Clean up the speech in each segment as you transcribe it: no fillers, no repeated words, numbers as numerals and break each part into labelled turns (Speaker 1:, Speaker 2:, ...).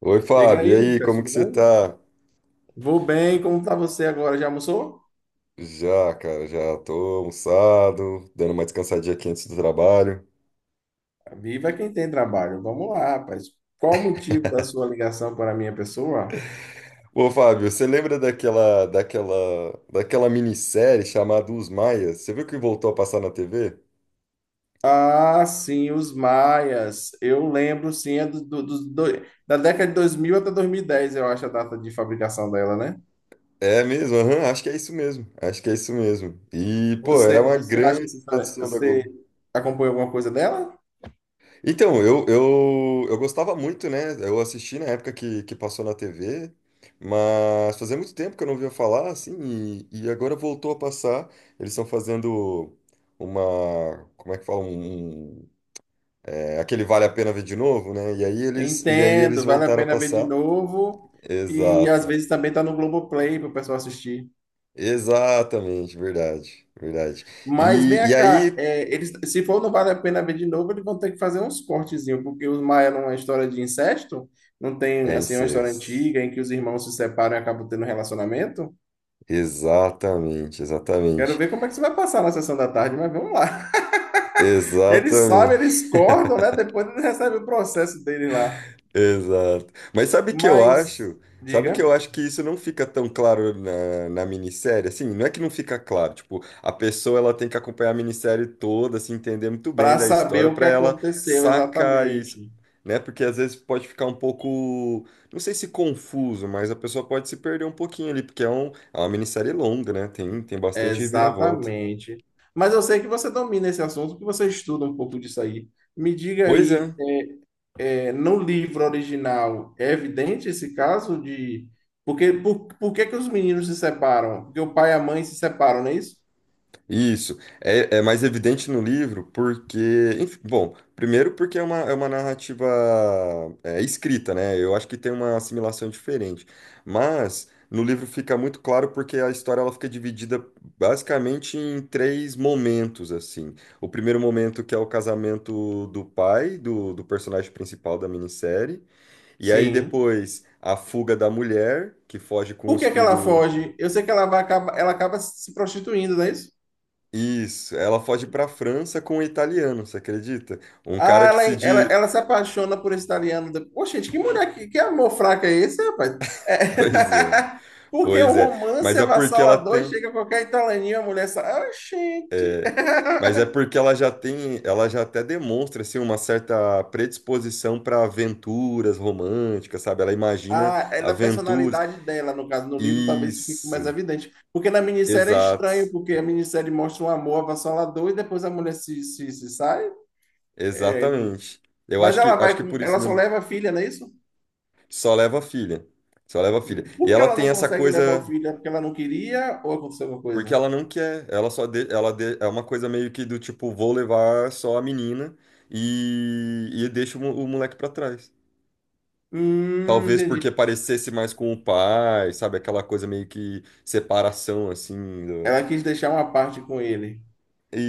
Speaker 1: Oi,
Speaker 2: Diga
Speaker 1: Fábio, e
Speaker 2: aí,
Speaker 1: aí,
Speaker 2: Lucas,
Speaker 1: como que
Speaker 2: tudo
Speaker 1: você
Speaker 2: bem?
Speaker 1: tá?
Speaker 2: Vou bem, como tá você agora? Já almoçou?
Speaker 1: Já, cara, já tô almoçado, dando uma descansadinha aqui antes do trabalho.
Speaker 2: Viva quem tem trabalho. Vamos lá, rapaz. Qual o motivo da sua ligação para a minha pessoa?
Speaker 1: Ô, Fábio, você lembra daquela minissérie chamada Os Maias? Você viu que voltou a passar na TV?
Speaker 2: Ah, sim, Os Maias. Eu lembro, sim, é da década de 2000 até 2010. Eu acho a data de fabricação dela, né?
Speaker 1: É mesmo, aham, acho que é isso mesmo, acho que é isso mesmo. E, pô, era
Speaker 2: Você,
Speaker 1: uma
Speaker 2: você acha que
Speaker 1: grande produção da
Speaker 2: você
Speaker 1: Globo.
Speaker 2: acompanha alguma coisa dela?
Speaker 1: Então, eu gostava muito, né? Eu assisti na época que passou na TV, mas fazia muito tempo que eu não ouvia falar, assim, e agora voltou a passar. Eles estão fazendo uma, como é que fala? Aquele Vale a Pena Ver de Novo, né? E aí eles
Speaker 2: Entendo, vale a
Speaker 1: voltaram a
Speaker 2: pena ver de
Speaker 1: passar.
Speaker 2: novo. E às
Speaker 1: Exato.
Speaker 2: vezes também tá no Globoplay para o pessoal assistir.
Speaker 1: Exatamente, verdade, verdade.
Speaker 2: Mas
Speaker 1: E,
Speaker 2: vem
Speaker 1: e
Speaker 2: cá,
Speaker 1: aí,
Speaker 2: eles, se for não vale a pena ver de novo, eles vão ter que fazer uns cortezinhos, porque Os Maia não é uma história de incesto, não tem
Speaker 1: é
Speaker 2: assim uma história
Speaker 1: incesto.
Speaker 2: antiga em que os irmãos se separam e acabam tendo um relacionamento.
Speaker 1: Exatamente,
Speaker 2: Quero
Speaker 1: exatamente.
Speaker 2: ver como é que isso vai passar na sessão da tarde, mas vamos lá. Eles sabem,
Speaker 1: Exatamente.
Speaker 2: eles cortam, né? Depois eles recebem o processo dele lá.
Speaker 1: Exato. Mas sabe o que eu
Speaker 2: Mas,
Speaker 1: acho? Sabe o que
Speaker 2: diga,
Speaker 1: eu acho que isso não fica tão claro na minissérie? Assim, não é que não fica claro. Tipo, a pessoa ela tem que acompanhar a minissérie toda, se entender muito bem
Speaker 2: para
Speaker 1: da
Speaker 2: saber
Speaker 1: história
Speaker 2: o que
Speaker 1: para ela
Speaker 2: aconteceu
Speaker 1: sacar isso,
Speaker 2: exatamente.
Speaker 1: né? Porque às vezes pode ficar um pouco, não sei se confuso, mas a pessoa pode se perder um pouquinho ali, porque é uma minissérie longa, né? Tem bastante reviravolta.
Speaker 2: Exatamente. Mas eu sei que você domina esse assunto, que você estuda um pouco disso aí. Me diga
Speaker 1: Pois
Speaker 2: aí.
Speaker 1: é.
Speaker 2: É, no livro original, é evidente esse caso de. Porque, por que que os meninos se separam? Porque o pai e a mãe se separam, não é isso?
Speaker 1: Isso é mais evidente no livro porque, enfim, bom, primeiro porque é uma narrativa escrita, né? Eu acho que tem uma assimilação diferente, mas no livro fica muito claro porque a história ela fica dividida basicamente em três momentos, assim. O primeiro momento que é o casamento do pai do personagem principal da minissérie, e aí
Speaker 2: Sim.
Speaker 1: depois a fuga da mulher que foge com
Speaker 2: Por
Speaker 1: os
Speaker 2: que que ela
Speaker 1: filhos.
Speaker 2: foge? Eu sei que ela acaba se prostituindo, não é isso?
Speaker 1: Isso, ela foge para a França com um italiano, você acredita? Um cara
Speaker 2: Ah,
Speaker 1: que
Speaker 2: ela,
Speaker 1: se
Speaker 2: ela,
Speaker 1: diz.
Speaker 2: ela se apaixona por esse italiano. Poxa, gente, que mulher, que amor fraco é esse, rapaz? É.
Speaker 1: Pois é,
Speaker 2: Porque o
Speaker 1: pois é.
Speaker 2: romance
Speaker 1: Mas é porque ela
Speaker 2: avassalador e
Speaker 1: tem.
Speaker 2: chega a qualquer italianinho, a mulher sai. Ah, gente.
Speaker 1: Mas é porque ela já tem. Ela já até demonstra assim, uma certa predisposição para aventuras românticas, sabe? Ela imagina
Speaker 2: Ah, é da
Speaker 1: aventuras.
Speaker 2: personalidade dela, no caso, no livro talvez isso fique mais
Speaker 1: Isso,
Speaker 2: evidente. Porque na minissérie é estranho,
Speaker 1: exato,
Speaker 2: porque a minissérie mostra um amor avassalador e depois a mulher se sai.
Speaker 1: exatamente. Eu
Speaker 2: Mas
Speaker 1: acho que, acho que por isso
Speaker 2: ela só leva a filha, não é isso?
Speaker 1: só leva a filha. Só leva a filha.
Speaker 2: Hum. Por
Speaker 1: E
Speaker 2: que
Speaker 1: ela
Speaker 2: ela
Speaker 1: tem
Speaker 2: não
Speaker 1: essa
Speaker 2: consegue levar o
Speaker 1: coisa.
Speaker 2: filho? É porque ela não queria ou aconteceu alguma
Speaker 1: Porque
Speaker 2: coisa?
Speaker 1: ela não quer, ela só de, ela de- é uma coisa meio que do tipo, vou levar só a menina e deixo o moleque pra trás.
Speaker 2: Hum,
Speaker 1: Talvez porque
Speaker 2: entendi.
Speaker 1: parecesse mais com o pai, sabe? Aquela coisa meio que separação, assim.
Speaker 2: Ela quis deixar uma parte com ele,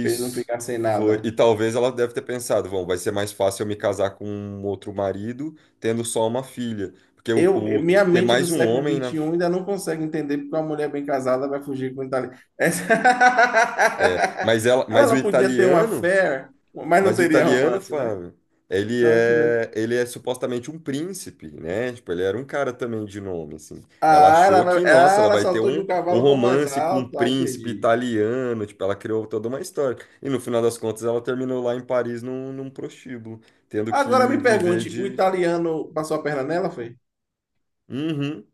Speaker 2: para ele não ficar sem
Speaker 1: Foi. E
Speaker 2: nada.
Speaker 1: talvez ela deve ter pensado, bom, vai ser mais fácil eu me casar com um outro marido tendo só uma filha. Porque
Speaker 2: Eu, eu- minha
Speaker 1: ter
Speaker 2: mente do
Speaker 1: mais um
Speaker 2: século
Speaker 1: homem
Speaker 2: vinte
Speaker 1: na.
Speaker 2: e um ainda não consegue entender porque uma mulher bem casada vai fugir com um italiano. Essa.
Speaker 1: É,
Speaker 2: Ela
Speaker 1: mas o
Speaker 2: não podia ter uma
Speaker 1: italiano.
Speaker 2: fé, mas não
Speaker 1: Mas o
Speaker 2: teria
Speaker 1: italiano,
Speaker 2: romance, né?
Speaker 1: Fábio, ele
Speaker 2: Se ela tivesse.
Speaker 1: é, ele é supostamente um príncipe, né? Tipo, ele era um cara também de nome, assim. Ela
Speaker 2: Ah,
Speaker 1: achou que, nossa, ela
Speaker 2: ela
Speaker 1: vai ter
Speaker 2: saltou de
Speaker 1: um,
Speaker 2: um
Speaker 1: um
Speaker 2: cavalo para o mais
Speaker 1: romance com um
Speaker 2: alto. Ah,
Speaker 1: príncipe
Speaker 2: entendi.
Speaker 1: italiano, tipo, ela criou toda uma história. E no final das contas, ela terminou lá em Paris num prostíbulo, tendo que
Speaker 2: Agora me
Speaker 1: viver
Speaker 2: pergunte, o
Speaker 1: de...
Speaker 2: italiano passou a perna nela, foi?
Speaker 1: Uhum,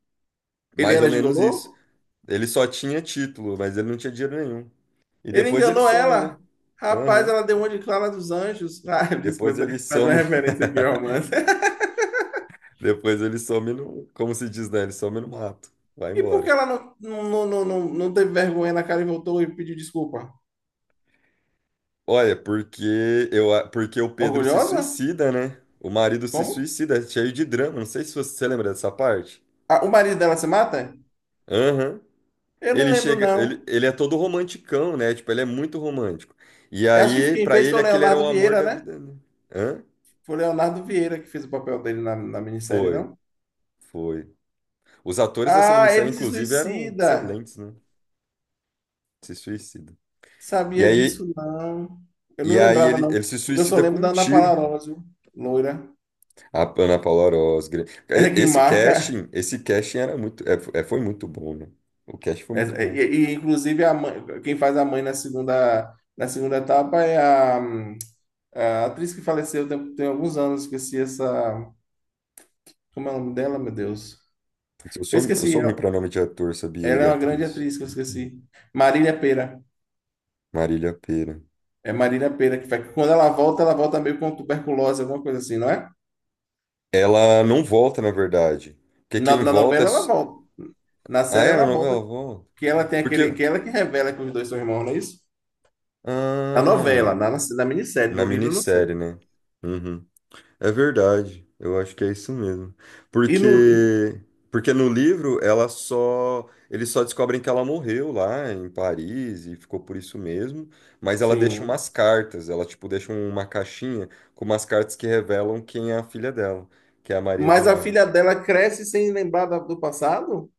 Speaker 2: Ele
Speaker 1: mais ou
Speaker 2: era
Speaker 1: menos isso.
Speaker 2: gigolô?
Speaker 1: Ele só tinha título, mas ele não tinha dinheiro nenhum. E
Speaker 2: Ele
Speaker 1: depois ele
Speaker 2: enganou
Speaker 1: some, né?
Speaker 2: ela. Rapaz,
Speaker 1: Aham.
Speaker 2: ela deu uma de Clara dos Anjos. Ah,
Speaker 1: Depois
Speaker 2: desculpa,
Speaker 1: ele
Speaker 2: faz uma
Speaker 1: some.
Speaker 2: referência aqui ao romance.
Speaker 1: Depois ele some no, como se diz, né? Ele some no mato. Vai
Speaker 2: E por que
Speaker 1: embora.
Speaker 2: ela não teve vergonha na cara e voltou e pediu desculpa?
Speaker 1: Olha, porque porque o Pedro se
Speaker 2: Orgulhosa?
Speaker 1: suicida, né? O marido se
Speaker 2: Como?
Speaker 1: suicida, é cheio de drama. Não sei se você lembra dessa parte.
Speaker 2: Ah, o marido dela se mata?
Speaker 1: Aham.
Speaker 2: Eu não
Speaker 1: Ele
Speaker 2: lembro,
Speaker 1: chega, ele,
Speaker 2: não.
Speaker 1: ele é todo romanticão, né? Tipo, ele é muito romântico. E
Speaker 2: Eu acho que
Speaker 1: aí,
Speaker 2: quem
Speaker 1: pra
Speaker 2: fez foi
Speaker 1: ele,
Speaker 2: o
Speaker 1: aquele era o
Speaker 2: Leonardo
Speaker 1: amor
Speaker 2: Vieira,
Speaker 1: da
Speaker 2: né?
Speaker 1: vida, né? Hã?
Speaker 2: Foi o Leonardo Vieira que fez o papel dele na minissérie,
Speaker 1: Foi,
Speaker 2: não?
Speaker 1: foi. Os atores dessa
Speaker 2: Ah,
Speaker 1: minissérie,
Speaker 2: ele se
Speaker 1: inclusive, eram
Speaker 2: suicida.
Speaker 1: excelentes, né? Se suicida. E
Speaker 2: Sabia
Speaker 1: aí,
Speaker 2: disso, não. Eu
Speaker 1: e
Speaker 2: não
Speaker 1: aí
Speaker 2: lembrava,
Speaker 1: ele,
Speaker 2: não.
Speaker 1: ele se
Speaker 2: Porque eu só
Speaker 1: suicida com
Speaker 2: lembro
Speaker 1: um
Speaker 2: da Ana
Speaker 1: tiro.
Speaker 2: Palarola, viu? Loira.
Speaker 1: A Ana Paula Orozgra.
Speaker 2: É que marca.
Speaker 1: Esse casting era muito, é, é, foi muito bom, né? O casting foi
Speaker 2: É,
Speaker 1: muito
Speaker 2: é,
Speaker 1: bom.
Speaker 2: e, e, inclusive, a mãe, quem faz a mãe na segunda, etapa é a atriz que faleceu tem alguns anos. Esqueci essa. Como é o nome dela, meu Deus?
Speaker 1: Eu
Speaker 2: Eu
Speaker 1: sou, eu
Speaker 2: esqueci.
Speaker 1: sou ruim para nome de ator, sabia?
Speaker 2: Ela
Speaker 1: E
Speaker 2: é uma grande
Speaker 1: atriz.
Speaker 2: atriz que eu
Speaker 1: Muito ruim.
Speaker 2: esqueci. Marília Pera.
Speaker 1: Marília Pêra.
Speaker 2: É Marina Pera que faz. Quando ela volta meio com tuberculose, alguma coisa assim, não é?
Speaker 1: Ela não volta, na verdade. Porque
Speaker 2: Na,
Speaker 1: quem
Speaker 2: na
Speaker 1: volta é.
Speaker 2: novela ela volta. Na
Speaker 1: Ah,
Speaker 2: série
Speaker 1: é? Na
Speaker 2: ela volta,
Speaker 1: novela volta?
Speaker 2: que ela tem
Speaker 1: Porque.
Speaker 2: aquele. Que ela que revela que os dois são irmãos, não é isso? Na novela,
Speaker 1: Ah,
Speaker 2: na minissérie,
Speaker 1: na
Speaker 2: no livro eu não sei.
Speaker 1: minissérie, né? Uhum. É verdade, eu acho que é isso mesmo.
Speaker 2: E
Speaker 1: Porque
Speaker 2: no.
Speaker 1: porque no livro ela só eles só descobrem que ela morreu lá em Paris e ficou por isso mesmo, mas ela deixa umas
Speaker 2: Sim.
Speaker 1: cartas, ela tipo deixa uma caixinha com umas cartas que revelam quem é a filha dela, que é a Maria
Speaker 2: Mas a
Speaker 1: Eduarda.
Speaker 2: filha dela cresce sem lembrar do passado?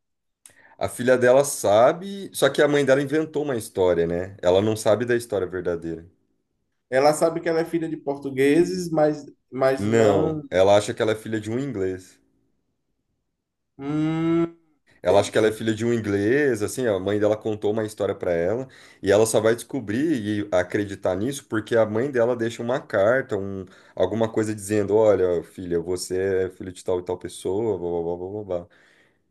Speaker 1: A filha dela sabe, só que a mãe dela inventou uma história, né? Ela não sabe da história verdadeira.
Speaker 2: Ela sabe que ela é filha de portugueses, mas não.
Speaker 1: Não, ela acha que ela é filha de um inglês.
Speaker 2: Hum,
Speaker 1: Ela acha que ela é
Speaker 2: entendi.
Speaker 1: filha de um inglês, assim, a mãe dela contou uma história pra ela, e ela só vai descobrir e acreditar nisso porque a mãe dela deixa uma carta, alguma coisa dizendo, olha, filha, você é filho de tal e tal pessoa, blá, blá, blá, blá, blá.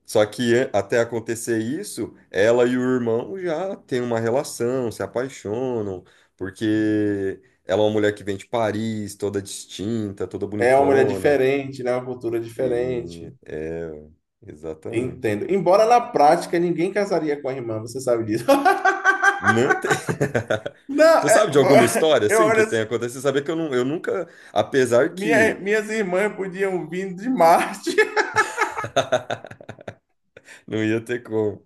Speaker 1: Até acontecer isso, ela e o irmão já têm uma relação, se apaixonam, porque ela é uma mulher que vem de Paris, toda distinta, toda
Speaker 2: É uma mulher
Speaker 1: bonitona,
Speaker 2: diferente, né? Uma cultura diferente.
Speaker 1: e é, exatamente.
Speaker 2: Entendo. Embora na prática ninguém casaria com a irmã, você sabe disso.
Speaker 1: Não tem.
Speaker 2: Não,
Speaker 1: Você sabe de alguma história
Speaker 2: eu
Speaker 1: assim
Speaker 2: olho,
Speaker 1: que tenha
Speaker 2: assim,
Speaker 1: acontecido? Saber que eu, não, eu nunca, apesar que
Speaker 2: minhas irmãs podiam vir de Marte.
Speaker 1: não ia ter como.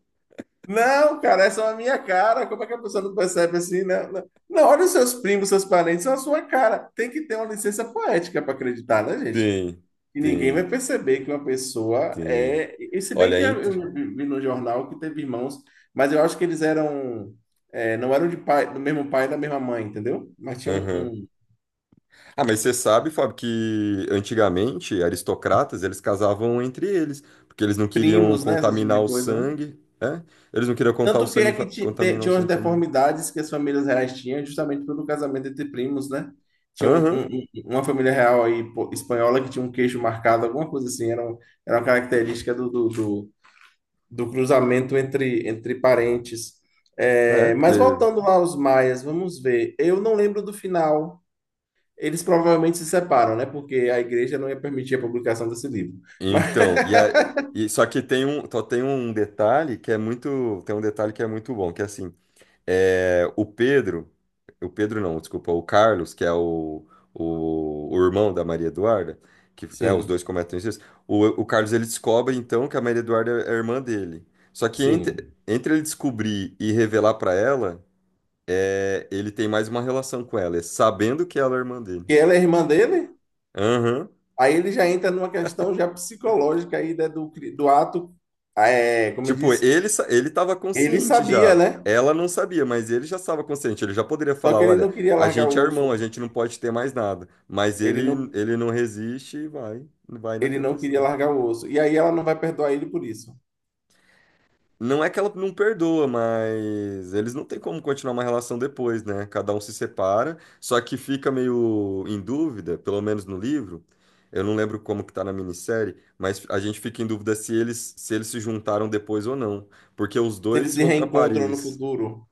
Speaker 2: Não, cara, essa é a minha cara. Como é que a pessoa não percebe assim? Não, não. Não, olha os seus primos, seus parentes, são a sua cara. Tem que ter uma licença poética para acreditar, né, gente?
Speaker 1: Tem,
Speaker 2: E ninguém
Speaker 1: tem,
Speaker 2: vai perceber que uma pessoa
Speaker 1: tem.
Speaker 2: é. E se bem
Speaker 1: Olha,
Speaker 2: que
Speaker 1: entre.
Speaker 2: eu vi no jornal que teve irmãos, mas eu acho que eles eram. Não eram de pai, do mesmo pai e da mesma mãe, entendeu? Mas tinha um,
Speaker 1: Aham.
Speaker 2: um
Speaker 1: Ah, mas você sabe, Fábio, que antigamente aristocratas eles casavam entre eles, porque eles não queriam
Speaker 2: primos, né? Esse tipo
Speaker 1: contaminar
Speaker 2: de
Speaker 1: o
Speaker 2: coisa, né?
Speaker 1: sangue, né? Eles não queriam contar o
Speaker 2: Tanto que
Speaker 1: sangue,
Speaker 2: é que
Speaker 1: fa- contaminar o
Speaker 2: tinham as
Speaker 1: sangue familiar.
Speaker 2: deformidades que as famílias reais tinham, justamente pelo casamento entre primos, né? Tinha
Speaker 1: Aham.
Speaker 2: um- uma família real aí, pô, espanhola que tinha um queixo marcado, alguma coisa assim, era uma característica do cruzamento entre parentes.
Speaker 1: É,
Speaker 2: É, mas
Speaker 1: porque
Speaker 2: voltando lá aos Maias, vamos ver. Eu não lembro do final. Eles provavelmente se separam, né? Porque a igreja não ia permitir a publicação desse livro. Mas,
Speaker 1: então, e, a, e só que tem um, só tem um detalhe que é muito bom, que é assim, é, o Pedro, o Pedro não, desculpa, o Carlos, que é o irmão da Maria Eduarda, que, né, os
Speaker 2: sim,
Speaker 1: dois cometem isso, o Carlos ele descobre então que a Maria Eduarda é a irmã dele. Só que entre,
Speaker 2: sim.
Speaker 1: entre ele descobrir e revelar pra ela, é, ele tem mais uma relação com ela, é sabendo que ela é a irmã dele.
Speaker 2: E ela é irmã dele?
Speaker 1: Aham.
Speaker 2: Aí ele já entra numa questão já psicológica aí né, do ato, como eu
Speaker 1: Tipo,
Speaker 2: disse,
Speaker 1: ele tava
Speaker 2: ele
Speaker 1: consciente
Speaker 2: sabia,
Speaker 1: já.
Speaker 2: né?
Speaker 1: Ela não sabia, mas ele já estava consciente. Ele já poderia
Speaker 2: Só
Speaker 1: falar:
Speaker 2: que ele
Speaker 1: olha,
Speaker 2: não queria
Speaker 1: a
Speaker 2: largar
Speaker 1: gente é
Speaker 2: o
Speaker 1: irmão, a
Speaker 2: osso.
Speaker 1: gente não pode ter mais nada. Mas
Speaker 2: Ele
Speaker 1: ele,
Speaker 2: não,
Speaker 1: ele não resiste e vai na
Speaker 2: ele não queria
Speaker 1: tentação.
Speaker 2: largar o osso. E aí ela não vai perdoar ele por isso.
Speaker 1: Não é que ela não perdoa, mas eles não têm como continuar uma relação depois, né? Cada um se separa, só que fica meio em dúvida, pelo menos no livro. Eu não lembro como que tá na minissérie, mas a gente fica em dúvida se eles se juntaram depois ou não, porque os
Speaker 2: Se eles
Speaker 1: dois
Speaker 2: se
Speaker 1: vão para
Speaker 2: reencontram no
Speaker 1: Paris.
Speaker 2: futuro,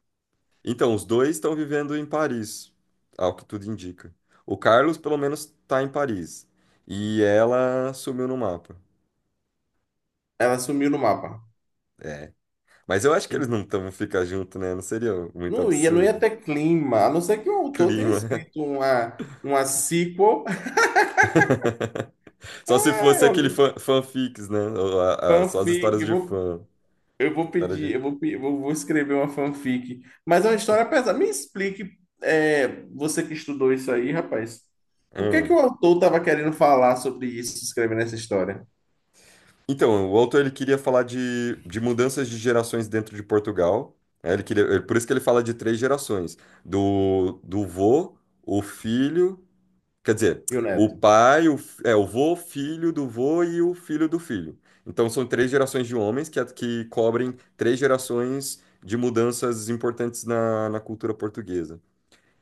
Speaker 1: Então, os dois estão vivendo em Paris, ao que tudo indica. O Carlos, pelo menos, tá em Paris. E ela sumiu no mapa.
Speaker 2: ela sumiu no mapa.
Speaker 1: É. Mas eu acho que eles não estão ficar junto, né? Não seria muito
Speaker 2: Não ia
Speaker 1: absurdo.
Speaker 2: ter clima, a não ser que o autor tenha
Speaker 1: Clima.
Speaker 2: escrito uma sequel,
Speaker 1: Só se fosse fanfics, né? Ou só as
Speaker 2: fanfic.
Speaker 1: histórias de fã.
Speaker 2: Eu vou
Speaker 1: História
Speaker 2: pedir,
Speaker 1: de...
Speaker 2: eu vou escrever uma fanfic, mas é uma história pesada. Me explique, você que estudou isso aí, rapaz, o que é que
Speaker 1: Hum.
Speaker 2: o autor estava querendo falar sobre isso, escrevendo essa história?
Speaker 1: Então, o autor ele queria falar de mudanças de gerações dentro de Portugal. Né? Por isso que ele fala de três gerações: do vô, o filho, quer dizer,
Speaker 2: E o
Speaker 1: o
Speaker 2: neto?
Speaker 1: pai, o vô, filho do vô e o filho do filho. Então, são três gerações de homens que cobrem três gerações de mudanças importantes na cultura portuguesa.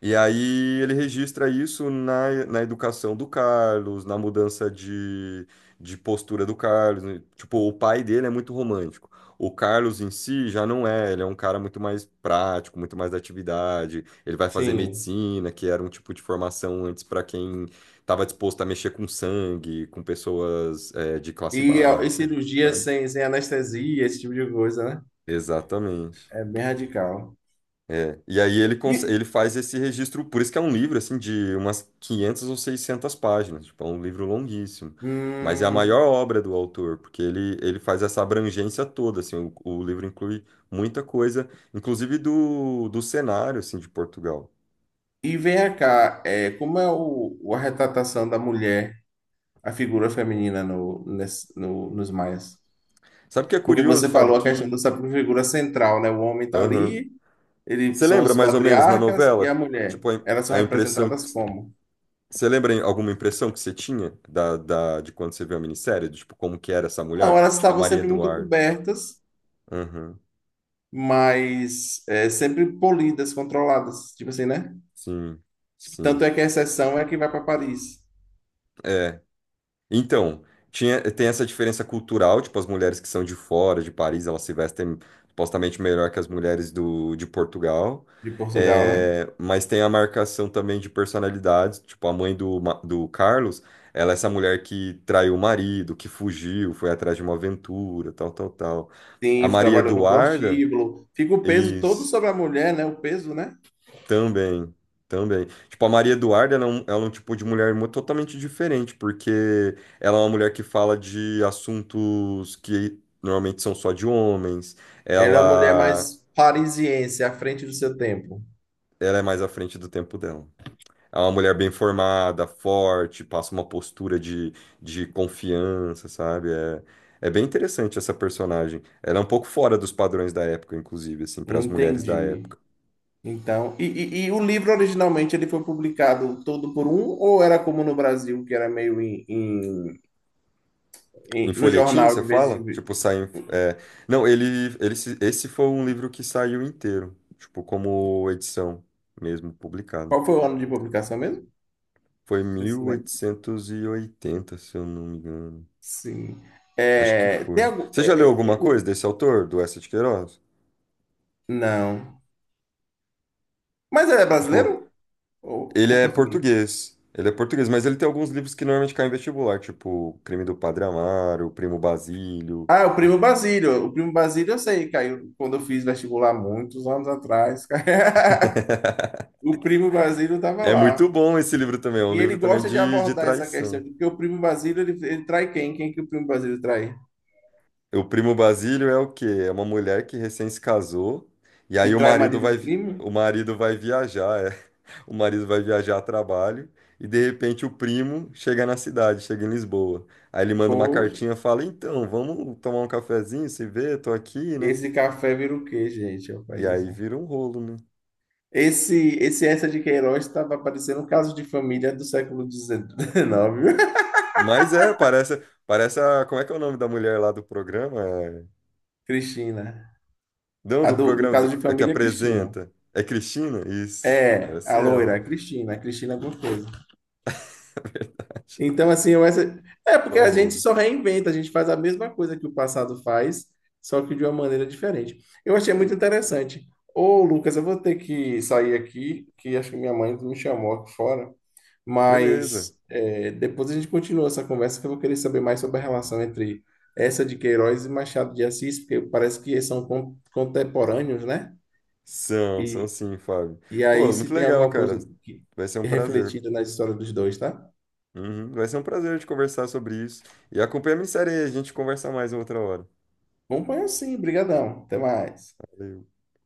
Speaker 1: E aí ele registra isso na educação do Carlos, na mudança de postura do Carlos. Né? Tipo, o pai dele é muito romântico. O Carlos em si já não é, ele é um cara muito mais prático, muito mais da atividade. Ele vai fazer
Speaker 2: Sim.
Speaker 1: medicina, que era um tipo de formação antes para quem estava disposto a mexer com sangue, com pessoas, de classe
Speaker 2: E
Speaker 1: baixa,
Speaker 2: cirurgia
Speaker 1: sabe?
Speaker 2: sem anestesia, esse tipo de coisa, né?
Speaker 1: Exatamente.
Speaker 2: É bem radical.
Speaker 1: É, e aí
Speaker 2: E,
Speaker 1: ele faz esse registro, por isso que é um livro, assim, de umas 500 ou 600 páginas, tipo, é um livro longuíssimo, mas é a maior
Speaker 2: hum,
Speaker 1: obra do autor, porque ele faz essa abrangência toda, assim, o livro inclui muita coisa, inclusive do cenário, assim, de Portugal.
Speaker 2: e vem cá, como é a retratação da mulher, a figura feminina no, nesse- no, nos Maias?
Speaker 1: Sabe o que é
Speaker 2: Porque
Speaker 1: curioso,
Speaker 2: você
Speaker 1: Fábio,
Speaker 2: falou a questão
Speaker 1: que...
Speaker 2: dessa figura central, né? O homem está
Speaker 1: Aham.
Speaker 2: ali,
Speaker 1: Você
Speaker 2: eles são
Speaker 1: lembra,
Speaker 2: os
Speaker 1: mais ou menos, na
Speaker 2: patriarcas e a
Speaker 1: novela,
Speaker 2: mulher.
Speaker 1: tipo, a,
Speaker 2: Elas são
Speaker 1: a impressão...
Speaker 2: representadas como?
Speaker 1: Você lembra alguma impressão que você tinha de quando você viu a minissérie, tipo, como que era essa mulher?
Speaker 2: Não, elas
Speaker 1: Tipo, a
Speaker 2: estavam
Speaker 1: Maria
Speaker 2: sempre muito
Speaker 1: Eduarda.
Speaker 2: cobertas,
Speaker 1: Aham.
Speaker 2: mas sempre polidas, controladas, tipo assim, né?
Speaker 1: Sim,
Speaker 2: Tanto
Speaker 1: sim.
Speaker 2: é que a exceção é que vai para Paris,
Speaker 1: É. Então, tem essa diferença cultural, tipo, as mulheres que são de fora, de Paris, elas se vestem supostamente melhor que as mulheres de Portugal.
Speaker 2: de Portugal, né?
Speaker 1: É, mas tem a marcação também de personalidades, tipo, a mãe do Carlos, ela é essa mulher que traiu o marido, que fugiu, foi atrás de uma aventura, tal, tal, tal. A
Speaker 2: Sim,
Speaker 1: Maria
Speaker 2: trabalhou no
Speaker 1: Eduarda,
Speaker 2: prostíbulo, fica o peso todo
Speaker 1: isso.
Speaker 2: sobre a mulher, né? O peso, né?
Speaker 1: Também, também. Tipo, a Maria Eduarda, ela é um tipo de mulher totalmente diferente, porque ela é uma mulher que fala de assuntos que normalmente são só de homens.
Speaker 2: Ela é uma mulher
Speaker 1: Ela,
Speaker 2: mais parisiense, à frente do seu tempo.
Speaker 1: ela é mais à frente do tempo dela. É uma mulher bem formada, forte, passa uma postura de confiança, sabe? É bem interessante essa personagem. Ela é um pouco fora dos padrões da época, inclusive, assim, para as mulheres da
Speaker 2: Entendi.
Speaker 1: época.
Speaker 2: Então, e o livro originalmente ele foi publicado todo por um, ou era como no Brasil, que era meio
Speaker 1: Em
Speaker 2: no
Speaker 1: folhetim,
Speaker 2: jornal
Speaker 1: você
Speaker 2: de vez em
Speaker 1: fala? Tipo,
Speaker 2: vez?
Speaker 1: não, ele... se- esse foi um livro que saiu inteiro. Tipo, como edição mesmo, publicada.
Speaker 2: Qual foi o ano de publicação mesmo?
Speaker 1: Foi
Speaker 2: Você
Speaker 1: mil
Speaker 2: se lembra?
Speaker 1: oitocentos e oitenta, se eu não me engano.
Speaker 2: Sim.
Speaker 1: Acho que
Speaker 2: É, tem
Speaker 1: foi.
Speaker 2: algum.
Speaker 1: Você já leu
Speaker 2: é, é, é,
Speaker 1: alguma coisa
Speaker 2: o-
Speaker 1: desse autor, do Eça de Queiroz?
Speaker 2: não. Mas ele é
Speaker 1: Tipo,
Speaker 2: brasileiro ou,
Speaker 1: ele
Speaker 2: ou
Speaker 1: é
Speaker 2: português?
Speaker 1: português. Ele é português, mas ele tem alguns livros que normalmente caem em vestibular, tipo Crime do Padre Amaro, Primo Basílio.
Speaker 2: Ah, o Primo Basílio. O Primo Basílio eu sei, caiu quando eu fiz vestibular muitos anos atrás. O Primo Basílio estava
Speaker 1: É muito
Speaker 2: lá.
Speaker 1: bom esse livro também, é um
Speaker 2: E ele
Speaker 1: livro também
Speaker 2: gosta de
Speaker 1: de
Speaker 2: abordar essa questão
Speaker 1: traição.
Speaker 2: de que o primo Basílio, ele trai quem? Quem que o primo Basílio trai?
Speaker 1: O primo Basílio é o quê? É uma mulher que recém se casou e
Speaker 2: E
Speaker 1: aí o
Speaker 2: trai o
Speaker 1: marido
Speaker 2: marido do primo?
Speaker 1: o marido vai viajar, é. O marido vai viajar a trabalho e de repente o primo chega na cidade, chega em Lisboa. Aí ele manda uma
Speaker 2: Poxa,
Speaker 1: cartinha, fala: "Então, vamos tomar um cafezinho, se vê, tô aqui, né?"
Speaker 2: esse café vira o quê, gente? É o
Speaker 1: E
Speaker 2: país,
Speaker 1: aí
Speaker 2: né?
Speaker 1: vira um rolo, né?
Speaker 2: Esse essa de Queiroz estava aparecendo um caso de família do século XIX.
Speaker 1: Mas é, parece a, como é que é o nome da mulher lá do programa? É-
Speaker 2: Cristina.
Speaker 1: não,
Speaker 2: A
Speaker 1: do
Speaker 2: do
Speaker 1: programa
Speaker 2: caso de
Speaker 1: é que
Speaker 2: família, é Cristina.
Speaker 1: apresenta. É Cristina? Isso.
Speaker 2: É,
Speaker 1: Parece
Speaker 2: a loira,
Speaker 1: ela.
Speaker 2: a Cristina alguma coisa. Então, assim, é
Speaker 1: Só
Speaker 2: porque a gente
Speaker 1: rolo.
Speaker 2: só reinventa, a gente faz a mesma coisa que o passado faz, só que de uma maneira diferente. Eu achei muito
Speaker 1: Sim,
Speaker 2: interessante. Ô, Lucas, eu vou ter que sair aqui, que acho que minha mãe me chamou aqui fora,
Speaker 1: beleza.
Speaker 2: mas depois a gente continua essa conversa, que eu vou querer saber mais sobre a relação entre essa de Queiroz e Machado de Assis, porque parece que eles são contemporâneos, né?
Speaker 1: São
Speaker 2: E,
Speaker 1: sim, Fábio.
Speaker 2: e aí,
Speaker 1: Pô,
Speaker 2: se
Speaker 1: muito
Speaker 2: tem
Speaker 1: legal,
Speaker 2: alguma
Speaker 1: cara.
Speaker 2: coisa
Speaker 1: Vai ser um prazer.
Speaker 2: refletida na história dos dois, tá?
Speaker 1: Uhum, vai ser um prazer te conversar sobre isso. E acompanha a minha série aí, a gente conversa mais outra hora.
Speaker 2: Vamos pôr assim, brigadão. Até mais.
Speaker 1: Valeu.